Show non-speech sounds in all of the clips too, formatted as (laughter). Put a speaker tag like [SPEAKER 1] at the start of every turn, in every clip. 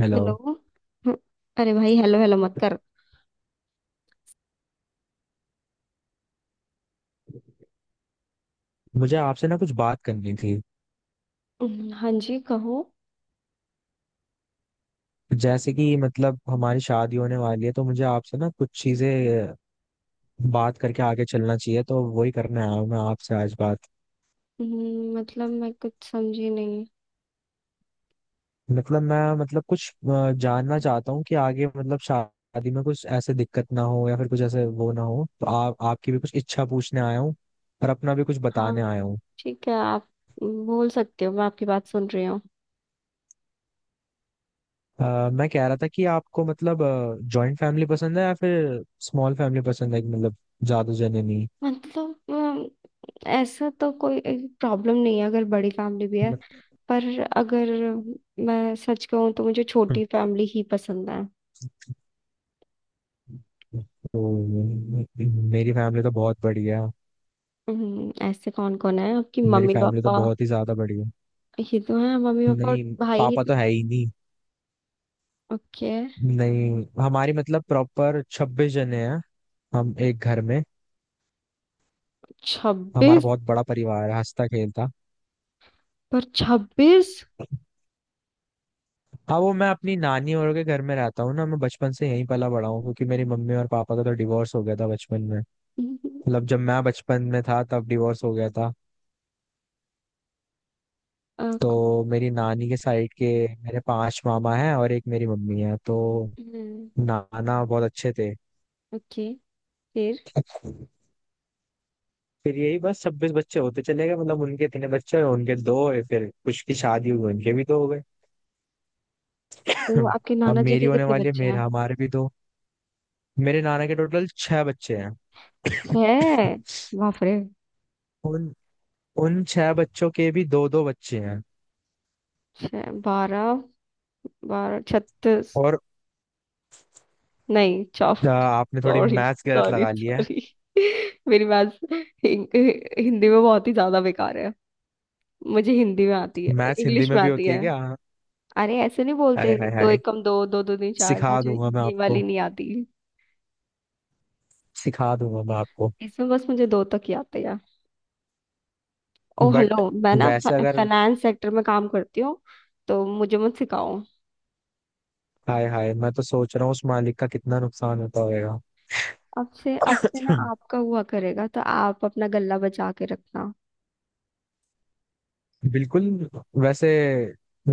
[SPEAKER 1] Hello.
[SPEAKER 2] Hello. हम्म, अरे भाई हेलो हेलो मत कर।
[SPEAKER 1] मुझे आपसे ना कुछ बात करनी थी।
[SPEAKER 2] हाँ जी कहो।
[SPEAKER 1] जैसे कि मतलब हमारी शादी होने वाली है तो मुझे आपसे ना कुछ चीजें बात करके आगे चलना चाहिए, तो वही करने आया हूँ मैं आपसे आज बात।
[SPEAKER 2] मतलब मैं कुछ समझी नहीं।
[SPEAKER 1] मतलब मैं मतलब कुछ जानना चाहता हूँ कि आगे मतलब शादी में कुछ ऐसे दिक्कत ना हो या फिर कुछ ऐसे वो ना हो, तो आप आपकी भी कुछ इच्छा पूछने आया हूँ और अपना भी कुछ
[SPEAKER 2] हाँ,
[SPEAKER 1] बताने आया हूँ।
[SPEAKER 2] ठीक है, आप बोल सकते हो, मैं आपकी बात सुन रही हूँ।
[SPEAKER 1] मैं कह रहा था कि आपको मतलब जॉइंट फैमिली पसंद है या फिर स्मॉल फैमिली पसंद है कि मतलब ज्यादा जने।
[SPEAKER 2] मतलब ऐसा तो कोई प्रॉब्लम नहीं है अगर बड़ी फैमिली भी है।
[SPEAKER 1] नहीं।
[SPEAKER 2] पर अगर मैं सच कहूँ तो मुझे छोटी फैमिली ही पसंद है।
[SPEAKER 1] तो मेरी फैमिली तो बहुत बढ़िया है।
[SPEAKER 2] ऐसे कौन कौन है आपकी?
[SPEAKER 1] मेरी
[SPEAKER 2] मम्मी
[SPEAKER 1] फैमिली तो
[SPEAKER 2] पापा?
[SPEAKER 1] बहुत ही ज्यादा बढ़िया है।
[SPEAKER 2] ये तो है मम्मी पापा और
[SPEAKER 1] नहीं,
[SPEAKER 2] भाई ये
[SPEAKER 1] पापा
[SPEAKER 2] तो।
[SPEAKER 1] तो है ही नहीं।
[SPEAKER 2] ओके।
[SPEAKER 1] नहीं, हमारी मतलब प्रॉपर 26 जने हैं हम एक घर में। हमारा
[SPEAKER 2] छब्बीस?
[SPEAKER 1] बहुत बड़ा परिवार है, हंसता खेलता।
[SPEAKER 2] पर छब्बीस?
[SPEAKER 1] हाँ वो मैं अपनी नानी और के घर में रहता हूँ ना, मैं बचपन से यहीं पला बड़ा हूँ क्योंकि मेरी मम्मी और पापा का तो डिवोर्स हो गया था बचपन में। मतलब जब मैं बचपन में था तब डिवोर्स हो गया था।
[SPEAKER 2] अ, खु-
[SPEAKER 1] तो मेरी नानी के साइड के मेरे पांच मामा हैं और एक मेरी मम्मी है, तो
[SPEAKER 2] हम्म।
[SPEAKER 1] नाना बहुत अच्छे थे।
[SPEAKER 2] ओके। फिर?
[SPEAKER 1] फिर यही बस 26 बच्चे होते चले गए, मतलब उनके इतने बच्चे हुए, उनके दो हुए, फिर कुछ की शादी हुई उनके भी दो हो गए।
[SPEAKER 2] तो
[SPEAKER 1] (laughs) (clears throat)
[SPEAKER 2] आपके
[SPEAKER 1] अब
[SPEAKER 2] नाना जी
[SPEAKER 1] मेरी
[SPEAKER 2] के
[SPEAKER 1] होने
[SPEAKER 2] कितने
[SPEAKER 1] वाली है,
[SPEAKER 2] बच्चे
[SPEAKER 1] मेरे
[SPEAKER 2] हैं?
[SPEAKER 1] हमारे भी दो। मेरे नाना के टोटल छह बच्चे हैं। (laughs)
[SPEAKER 2] छह? बाप रे।
[SPEAKER 1] (clears throat) उन उन छह बच्चों के भी दो दो बच्चे हैं।
[SPEAKER 2] छः बारह, बारह छत्तीस।
[SPEAKER 1] और
[SPEAKER 2] नहीं, चौ
[SPEAKER 1] आपने थोड़ी
[SPEAKER 2] सॉरी।
[SPEAKER 1] मैथ्स गलत
[SPEAKER 2] सॉरी
[SPEAKER 1] लगा लिया है।
[SPEAKER 2] सॉरी। (laughs) मेरी बात हिं- हिंदी में बहुत ही ज्यादा बेकार है। मुझे हिंदी में आती है,
[SPEAKER 1] मैथ्स हिंदी
[SPEAKER 2] इंग्लिश
[SPEAKER 1] में
[SPEAKER 2] में
[SPEAKER 1] भी
[SPEAKER 2] आती
[SPEAKER 1] होती है
[SPEAKER 2] है।
[SPEAKER 1] क्या?
[SPEAKER 2] अरे ऐसे नहीं
[SPEAKER 1] हाय
[SPEAKER 2] बोलते।
[SPEAKER 1] हाय
[SPEAKER 2] दो
[SPEAKER 1] हाय।
[SPEAKER 2] एकम दो, दो दो तीन चार,
[SPEAKER 1] सिखा
[SPEAKER 2] मुझे
[SPEAKER 1] दूंगा मैं
[SPEAKER 2] ये
[SPEAKER 1] आपको।
[SPEAKER 2] वाली नहीं आती।
[SPEAKER 1] सिखा दूंगा मैं आपको।
[SPEAKER 2] इसमें बस मुझे दो तक ही आते। ओ हेलो,
[SPEAKER 1] बट
[SPEAKER 2] मैं ना
[SPEAKER 1] वैसे अगर
[SPEAKER 2] फाइनेंस सेक्टर में काम करती हूँ तो मुझे मत सिखाओ।
[SPEAKER 1] हाय हाय, मैं तो सोच रहा हूँ उस मालिक का कितना नुकसान होता होगा।
[SPEAKER 2] अब से ना
[SPEAKER 1] हम्म,
[SPEAKER 2] आपका हुआ करेगा तो आप अपना गला बचा के रखना।
[SPEAKER 1] बिल्कुल। वैसे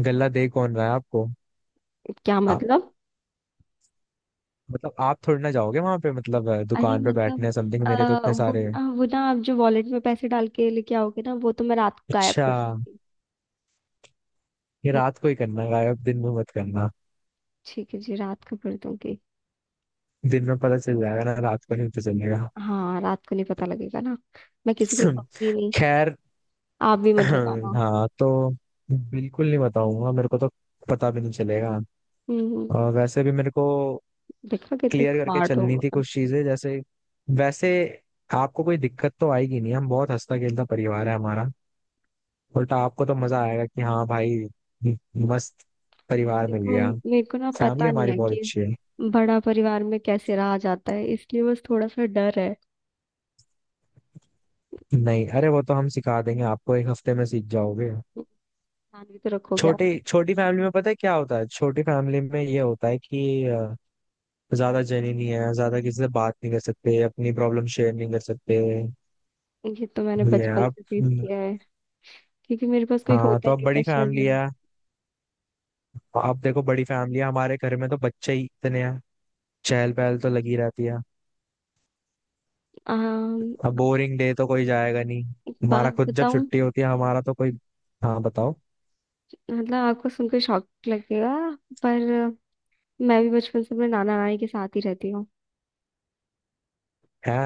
[SPEAKER 1] गल्ला दे कौन रहा है आपको?
[SPEAKER 2] क्या
[SPEAKER 1] आप
[SPEAKER 2] मतलब?
[SPEAKER 1] मतलब आप थोड़ी ना जाओगे वहां पे मतलब
[SPEAKER 2] अरे
[SPEAKER 1] दुकान पे
[SPEAKER 2] मतलब
[SPEAKER 1] बैठने समथिंग, मेरे तो इतने
[SPEAKER 2] वो
[SPEAKER 1] सारे।
[SPEAKER 2] ना वो ना आप जो वॉलेट में पैसे डाल के लेके आओगे ना वो तो मैं रात को गायब
[SPEAKER 1] अच्छा,
[SPEAKER 2] कर दूंगी।
[SPEAKER 1] ये
[SPEAKER 2] हम्म,
[SPEAKER 1] रात को ही करना है, गायब दिन में मत करना।
[SPEAKER 2] ठीक है जी, रात को कर दूंगी।
[SPEAKER 1] दिन में पता चल जाएगा ना, रात को नहीं पता चलेगा।
[SPEAKER 2] हाँ रात को नहीं पता लगेगा ना, मैं किसी को
[SPEAKER 1] (clears throat)
[SPEAKER 2] बताऊंगी नहीं।
[SPEAKER 1] खैर।
[SPEAKER 2] आप भी मत
[SPEAKER 1] (clears throat)
[SPEAKER 2] बताना।
[SPEAKER 1] हाँ तो बिल्कुल नहीं बताऊंगा, मेरे को तो पता भी नहीं चलेगा।
[SPEAKER 2] हम्म।
[SPEAKER 1] और वैसे भी मेरे को
[SPEAKER 2] देखा कितने
[SPEAKER 1] क्लियर करके
[SPEAKER 2] स्मार्ट हो।
[SPEAKER 1] चलनी थी कुछ चीजें। जैसे वैसे आपको कोई दिक्कत तो आएगी नहीं, हम बहुत हंसता खेलता परिवार है हमारा। उल्टा आपको तो मजा आएगा कि हाँ भाई, मस्त परिवार मिल
[SPEAKER 2] देखो
[SPEAKER 1] गया।
[SPEAKER 2] मेरे को ना
[SPEAKER 1] फैमिली
[SPEAKER 2] पता नहीं
[SPEAKER 1] हमारी
[SPEAKER 2] है
[SPEAKER 1] बहुत
[SPEAKER 2] कि
[SPEAKER 1] अच्छी है।
[SPEAKER 2] बड़ा परिवार में कैसे रहा जाता है, इसलिए बस थोड़ा सा डर है।
[SPEAKER 1] नहीं अरे, वो तो हम सिखा देंगे आपको, एक हफ्ते में सीख जाओगे।
[SPEAKER 2] ध्यान भी तो रखोगे आप।
[SPEAKER 1] छोटी छोटी फैमिली में पता है क्या होता है? छोटी फैमिली में ये होता है कि ज्यादा जनी नहीं है, ज्यादा किसी से बात नहीं कर सकते, अपनी प्रॉब्लम शेयर नहीं कर सकते।
[SPEAKER 2] ये तो मैंने
[SPEAKER 1] ये है।
[SPEAKER 2] बचपन
[SPEAKER 1] आप,
[SPEAKER 2] से सीख किया है, क्योंकि मेरे पास कोई
[SPEAKER 1] हाँ
[SPEAKER 2] होता
[SPEAKER 1] तो
[SPEAKER 2] ही
[SPEAKER 1] अब
[SPEAKER 2] नहीं था
[SPEAKER 1] बड़ी
[SPEAKER 2] शहर
[SPEAKER 1] फैमिली
[SPEAKER 2] में।
[SPEAKER 1] है। आप देखो, बड़ी फैमिली है, हमारे घर में तो बच्चे ही इतने हैं, चहल पहल तो लगी रहती है।
[SPEAKER 2] अम,
[SPEAKER 1] अब बोरिंग डे तो कोई जाएगा नहीं।
[SPEAKER 2] एक
[SPEAKER 1] हमारा
[SPEAKER 2] बात
[SPEAKER 1] खुद जब
[SPEAKER 2] बताऊं,
[SPEAKER 1] छुट्टी होती है हमारा तो कोई। हाँ बताओ।
[SPEAKER 2] मतलब आपको सुनकर शॉक लगेगा, पर मैं भी बचपन से अपने नाना नानी के साथ ही रहती हूँ।
[SPEAKER 1] है,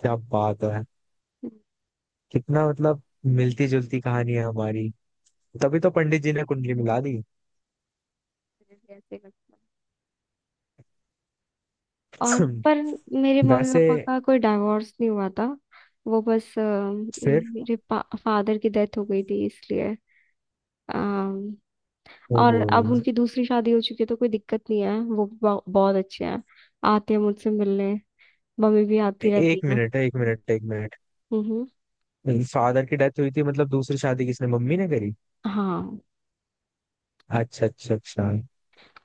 [SPEAKER 1] क्या बात है। कितना मतलब मिलती जुलती कहानी है हमारी। तभी तो पंडित जी ने कुंडली मिला दी।
[SPEAKER 2] मुझे भी ऐसे ही लगता है। और पर
[SPEAKER 1] (clears throat)
[SPEAKER 2] मेरे मम्मी
[SPEAKER 1] वैसे।
[SPEAKER 2] पापा का कोई डाइवोर्स नहीं हुआ था। वो बस
[SPEAKER 1] फिर।
[SPEAKER 2] मेरे फादर की डेथ हो गई थी, इसलिए अम,
[SPEAKER 1] ओहो।
[SPEAKER 2] और अब उनकी दूसरी शादी हो चुकी है, तो कोई दिक्कत नहीं है। बहुत अच्छे हैं, आते हैं मुझसे मिलने, मम्मी भी आती रहती
[SPEAKER 1] एक
[SPEAKER 2] है।
[SPEAKER 1] मिनट है, एक मिनट एक मिनट।
[SPEAKER 2] हम्म।
[SPEAKER 1] फादर की डेथ हुई थी मतलब दूसरी शादी किसने, मम्मी ने करी?
[SPEAKER 2] हाँ।
[SPEAKER 1] अच्छा अच्छा अच्छा।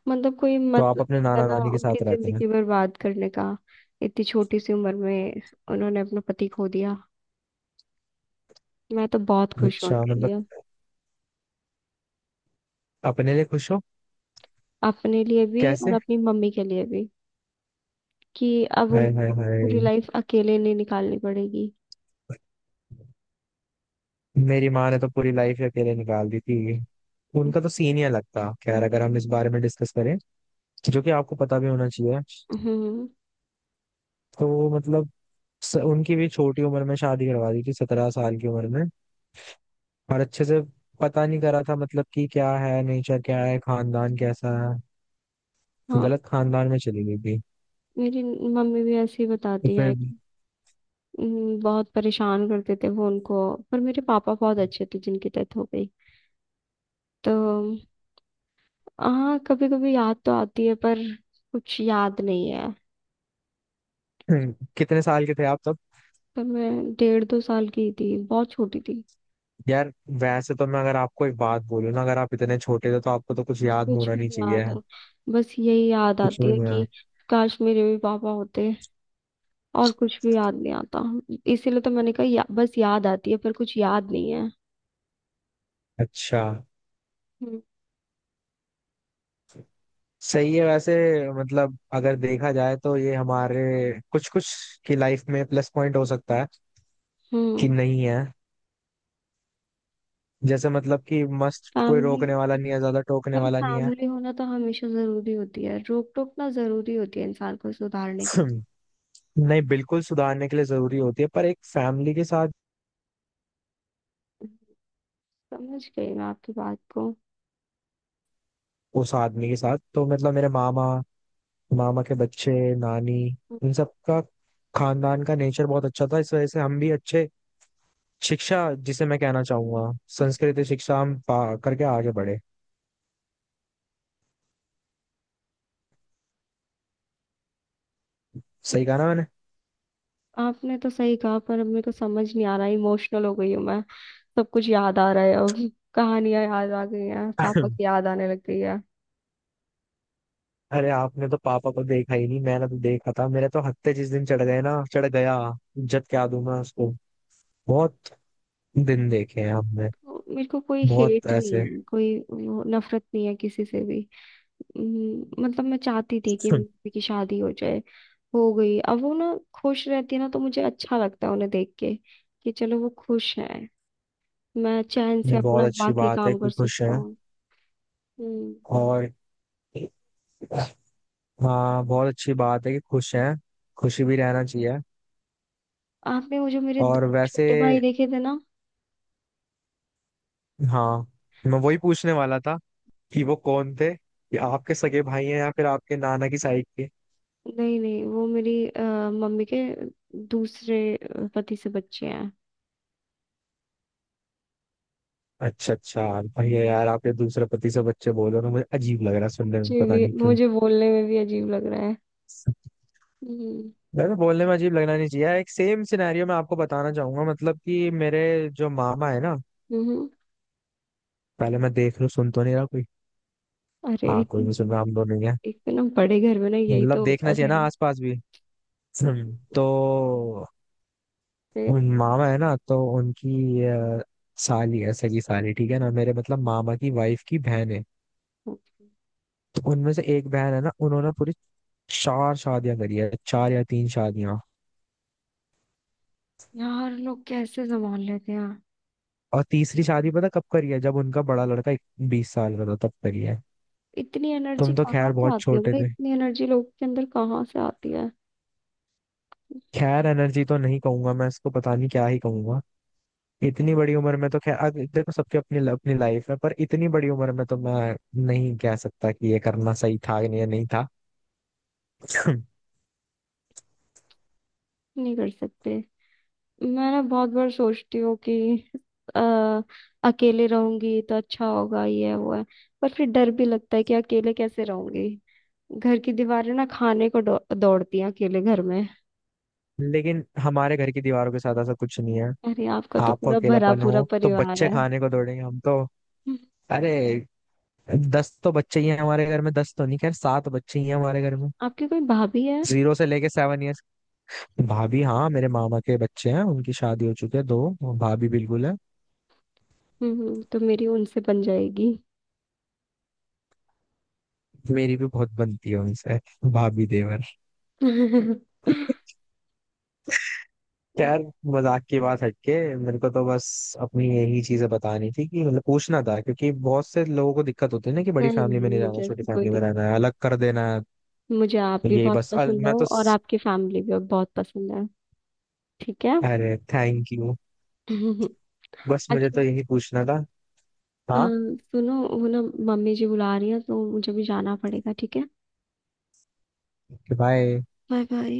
[SPEAKER 2] मतलब कोई
[SPEAKER 1] तो आप
[SPEAKER 2] मतलब
[SPEAKER 1] अपने
[SPEAKER 2] है
[SPEAKER 1] नाना
[SPEAKER 2] ना
[SPEAKER 1] नानी के
[SPEAKER 2] उनकी
[SPEAKER 1] साथ रहते हैं?
[SPEAKER 2] जिंदगी बर्बाद करने का। इतनी छोटी सी उम्र में उन्होंने अपना पति खो दिया। मैं तो बहुत खुश हूँ
[SPEAKER 1] अच्छा
[SPEAKER 2] उनके
[SPEAKER 1] मतलब
[SPEAKER 2] लिए।
[SPEAKER 1] अपने लिए खुश हो?
[SPEAKER 2] अपने लिए भी और
[SPEAKER 1] कैसे?
[SPEAKER 2] अपनी मम्मी के लिए भी, कि अब
[SPEAKER 1] हाय हाय
[SPEAKER 2] उनको पूरी
[SPEAKER 1] हाय।
[SPEAKER 2] लाइफ अकेले नहीं निकालनी पड़ेगी।
[SPEAKER 1] मेरी माँ ने तो पूरी लाइफ ही अकेले निकाल दी थी। उनका तो सीन ही अलग था। खैर अगर हम इस बारे में डिस्कस करें जो कि आपको पता भी होना चाहिए,
[SPEAKER 2] हम्म।
[SPEAKER 1] तो मतलब उनकी भी छोटी उम्र में शादी करवा दी थी, 17 साल की उम्र में। और अच्छे से पता नहीं करा था, मतलब कि क्या है नेचर, क्या है खानदान कैसा है। तो
[SPEAKER 2] हाँ
[SPEAKER 1] गलत खानदान में चली गई थी।
[SPEAKER 2] मेरी मम्मी भी ऐसे ही
[SPEAKER 1] तो
[SPEAKER 2] बताती है।
[SPEAKER 1] फिर।
[SPEAKER 2] बहुत परेशान करते थे वो उनको, पर मेरे पापा बहुत अच्छे थे जिनकी डेथ हो गई। तो हाँ, कभी कभी याद तो आती है, पर कुछ याद नहीं है।
[SPEAKER 1] कितने साल के थे आप तब?
[SPEAKER 2] पर मैं डेढ़ दो साल की थी, बहुत छोटी थी।
[SPEAKER 1] यार, वैसे तो मैं अगर आपको एक बात बोलूँ ना, अगर आप इतने छोटे थे तो आपको तो कुछ याद
[SPEAKER 2] कुछ
[SPEAKER 1] होना
[SPEAKER 2] भी
[SPEAKER 1] नहीं
[SPEAKER 2] नहीं
[SPEAKER 1] चाहिए।
[SPEAKER 2] याद है। बस यही याद
[SPEAKER 1] कुछ
[SPEAKER 2] आती
[SPEAKER 1] भी
[SPEAKER 2] है
[SPEAKER 1] नहीं
[SPEAKER 2] कि
[SPEAKER 1] याद।
[SPEAKER 2] काश मेरे भी पापा होते। और कुछ भी याद नहीं आता। इसीलिए तो मैंने कहा या, बस याद आती है पर कुछ याद नहीं है।
[SPEAKER 1] अच्छा।
[SPEAKER 2] हम्म।
[SPEAKER 1] सही है, वैसे मतलब अगर देखा जाए तो ये हमारे कुछ कुछ की लाइफ में प्लस पॉइंट हो सकता है कि
[SPEAKER 2] हम्म,
[SPEAKER 1] नहीं है। जैसे मतलब कि मस्त, कोई
[SPEAKER 2] फैमिली।
[SPEAKER 1] रोकने वाला नहीं है, ज्यादा टोकने
[SPEAKER 2] पर
[SPEAKER 1] वाला नहीं है।
[SPEAKER 2] फैमिली होना तो हमेशा जरूरी होती है, रोक टोक ना जरूरी होती है इंसान को सुधारने के लिए।
[SPEAKER 1] (clears throat) नहीं बिल्कुल, सुधारने के लिए जरूरी होती है, पर एक फैमिली के साथ।
[SPEAKER 2] समझ गई मैं आपकी बात को।
[SPEAKER 1] उस आदमी के साथ तो मतलब मेरे मामा, मामा के बच्चे, नानी, इन सब का खानदान का नेचर बहुत अच्छा था, इस वजह से हम भी अच्छे। शिक्षा, जिसे मैं कहना चाहूंगा संस्कृत शिक्षा, हम पा करके आगे बढ़े। सही कहा ना मैंने?
[SPEAKER 2] आपने तो सही कहा, पर अब मेरे को समझ नहीं आ रहा, इमोशनल हो गई हूँ मैं। सब कुछ याद आ रहा है अब, कहानियां याद आ गई हैं, पापा
[SPEAKER 1] (clears throat)
[SPEAKER 2] की
[SPEAKER 1] (laughs)
[SPEAKER 2] याद आने लग गई है।
[SPEAKER 1] अरे आपने तो पापा को देखा ही नहीं, मैंने तो देखा था। मेरे तो हत्ते जिस दिन चढ़ गए ना चढ़ गया, इज्जत क्या दूं मैं उसको। बहुत दिन देखे हैं हमने,
[SPEAKER 2] मेरे को कोई
[SPEAKER 1] बहुत
[SPEAKER 2] हेट नहीं
[SPEAKER 1] ऐसे।
[SPEAKER 2] है, कोई वो नफरत नहीं है किसी से भी। मतलब मैं चाहती थी कि
[SPEAKER 1] (laughs)
[SPEAKER 2] मम्मी की शादी हो जाए। हो गई, अब वो ना खुश रहती है ना तो मुझे अच्छा लगता है उन्हें देख के, कि चलो वो खुश है, मैं चैन से
[SPEAKER 1] ये बहुत
[SPEAKER 2] अपना
[SPEAKER 1] अच्छी
[SPEAKER 2] बाकी
[SPEAKER 1] बात है
[SPEAKER 2] काम कर
[SPEAKER 1] कि खुश
[SPEAKER 2] सकता
[SPEAKER 1] हैं।
[SPEAKER 2] हूँ। हम्म।
[SPEAKER 1] और हाँ, बहुत अच्छी बात है कि खुश हैं। खुशी भी रहना चाहिए।
[SPEAKER 2] आपने वो जो मेरे
[SPEAKER 1] और
[SPEAKER 2] दो
[SPEAKER 1] वैसे,
[SPEAKER 2] छोटे भाई देखे थे ना,
[SPEAKER 1] हाँ, मैं वही पूछने वाला था कि वो कौन थे, कि आपके सगे भाई हैं या फिर आपके नाना की साइड के।
[SPEAKER 2] नहीं नहीं वो मेरी मम्मी के दूसरे पति से बच्चे हैं।
[SPEAKER 1] अच्छा अच्छा, भैया यार, आपके दूसरे पति से बच्चे बोल रहे हो ना, मुझे अजीब लग रहा है सुनने में, पता नहीं क्यों।
[SPEAKER 2] मुझे बोलने में भी अजीब लग रहा है। हम्म।
[SPEAKER 1] वैसे बोलने में अजीब लगना नहीं चाहिए, एक सेम सिनेरियो मैं आपको बताना चाहूंगा, मतलब कि मेरे जो मामा है ना,
[SPEAKER 2] हम्म।
[SPEAKER 1] पहले मैं देख लूं सुन तो नहीं रहा कोई।
[SPEAKER 2] अरे,
[SPEAKER 1] हाँ कोई नहीं सुन रहा, हम दोनों ही हैं।
[SPEAKER 2] एक तो ना बड़े घर में ना यही
[SPEAKER 1] मतलब
[SPEAKER 2] तो होता
[SPEAKER 1] देखना
[SPEAKER 2] है
[SPEAKER 1] चाहिए ना
[SPEAKER 2] फिर।
[SPEAKER 1] आसपास भी। हम्म। तो उन मामा है ना, तो उनकी साली है, सगी साली, ठीक है ना, मेरे मतलब मामा की वाइफ की बहन है।
[SPEAKER 2] फिर
[SPEAKER 1] तो उनमें से एक बहन है ना, उन्होंने पूरी चार शादियां करी है, चार या तीन शादियां।
[SPEAKER 2] यार लोग कैसे संभाल लेते हैं?
[SPEAKER 1] और तीसरी शादी पता कब करी है, जब उनका बड़ा लड़का 20 साल का था तब करी है।
[SPEAKER 2] इतनी एनर्जी
[SPEAKER 1] तुम तो
[SPEAKER 2] कहाँ
[SPEAKER 1] खैर
[SPEAKER 2] से
[SPEAKER 1] बहुत
[SPEAKER 2] आती है
[SPEAKER 1] छोटे
[SPEAKER 2] भाई,
[SPEAKER 1] थे।
[SPEAKER 2] इतनी एनर्जी लोग के अंदर कहाँ से आती है?
[SPEAKER 1] खैर एनर्जी तो नहीं कहूंगा मैं इसको, पता नहीं क्या ही कहूंगा। इतनी बड़ी उम्र में तो खैर, अब देखो सबकी अपनी अपनी लाइफ है, पर इतनी बड़ी उम्र में तो मैं नहीं कह सकता कि ये करना सही था या नहीं था। (clears throat)
[SPEAKER 2] नहीं कर सकते। मैं ना बहुत बार सोचती हूँ कि अ, अकेले रहूंगी तो अच्छा होगा ये है वो है, पर फिर डर भी लगता है कि अकेले कैसे रहूंगी। घर की दीवारें ना खाने को दौड़ती हैं अकेले घर में।
[SPEAKER 1] लेकिन हमारे घर की दीवारों के साथ ऐसा कुछ नहीं है।
[SPEAKER 2] अरे आपका तो
[SPEAKER 1] आपको
[SPEAKER 2] पूरा भरा
[SPEAKER 1] अकेलापन
[SPEAKER 2] पूरा
[SPEAKER 1] हो तो
[SPEAKER 2] परिवार
[SPEAKER 1] बच्चे
[SPEAKER 2] है।
[SPEAKER 1] खाने को दौड़ेंगे, हम तो
[SPEAKER 2] हम्म,
[SPEAKER 1] अरे 10 तो बच्चे ही हैं हमारे घर में। 10 तो नहीं, खैर सात बच्चे ही हैं हमारे घर में,
[SPEAKER 2] आपकी कोई भाभी है?
[SPEAKER 1] 0 से लेके 7 इयर्स। भाभी, हाँ मेरे मामा के बच्चे हैं, उनकी शादी हो चुकी है दो। भाभी बिल्कुल है।
[SPEAKER 2] हम्म, तो मेरी उनसे बन जाएगी।
[SPEAKER 1] मेरी भी बहुत बनती है उनसे। भाभी देवर।
[SPEAKER 2] (laughs)
[SPEAKER 1] यार, मजाक की बात हटके मेरे को तो बस अपनी यही चीजें बतानी थी, कि मतलब पूछना था क्योंकि बहुत से लोगों को दिक्कत होती है ना कि बड़ी
[SPEAKER 2] नहीं
[SPEAKER 1] फैमिली में
[SPEAKER 2] नहीं,
[SPEAKER 1] नहीं रहना,
[SPEAKER 2] मुझे
[SPEAKER 1] छोटी
[SPEAKER 2] ऐसी कोई
[SPEAKER 1] फैमिली में
[SPEAKER 2] दिक्कत
[SPEAKER 1] रहना है,
[SPEAKER 2] नहीं,
[SPEAKER 1] अलग कर देना है।
[SPEAKER 2] मुझे आप
[SPEAKER 1] तो
[SPEAKER 2] भी
[SPEAKER 1] ये
[SPEAKER 2] बहुत
[SPEAKER 1] बस
[SPEAKER 2] पसंद हो और आपकी फैमिली भी बहुत पसंद है। ठीक है।
[SPEAKER 1] अरे थैंक यू।
[SPEAKER 2] (laughs)
[SPEAKER 1] बस मुझे
[SPEAKER 2] अच्छा।
[SPEAKER 1] तो यही पूछना था। हाँ।
[SPEAKER 2] सुनो वो ना, मम्मी जी बुला रही है तो मुझे भी जाना पड़ेगा, ठीक है?
[SPEAKER 1] बाय।
[SPEAKER 2] Bye bye.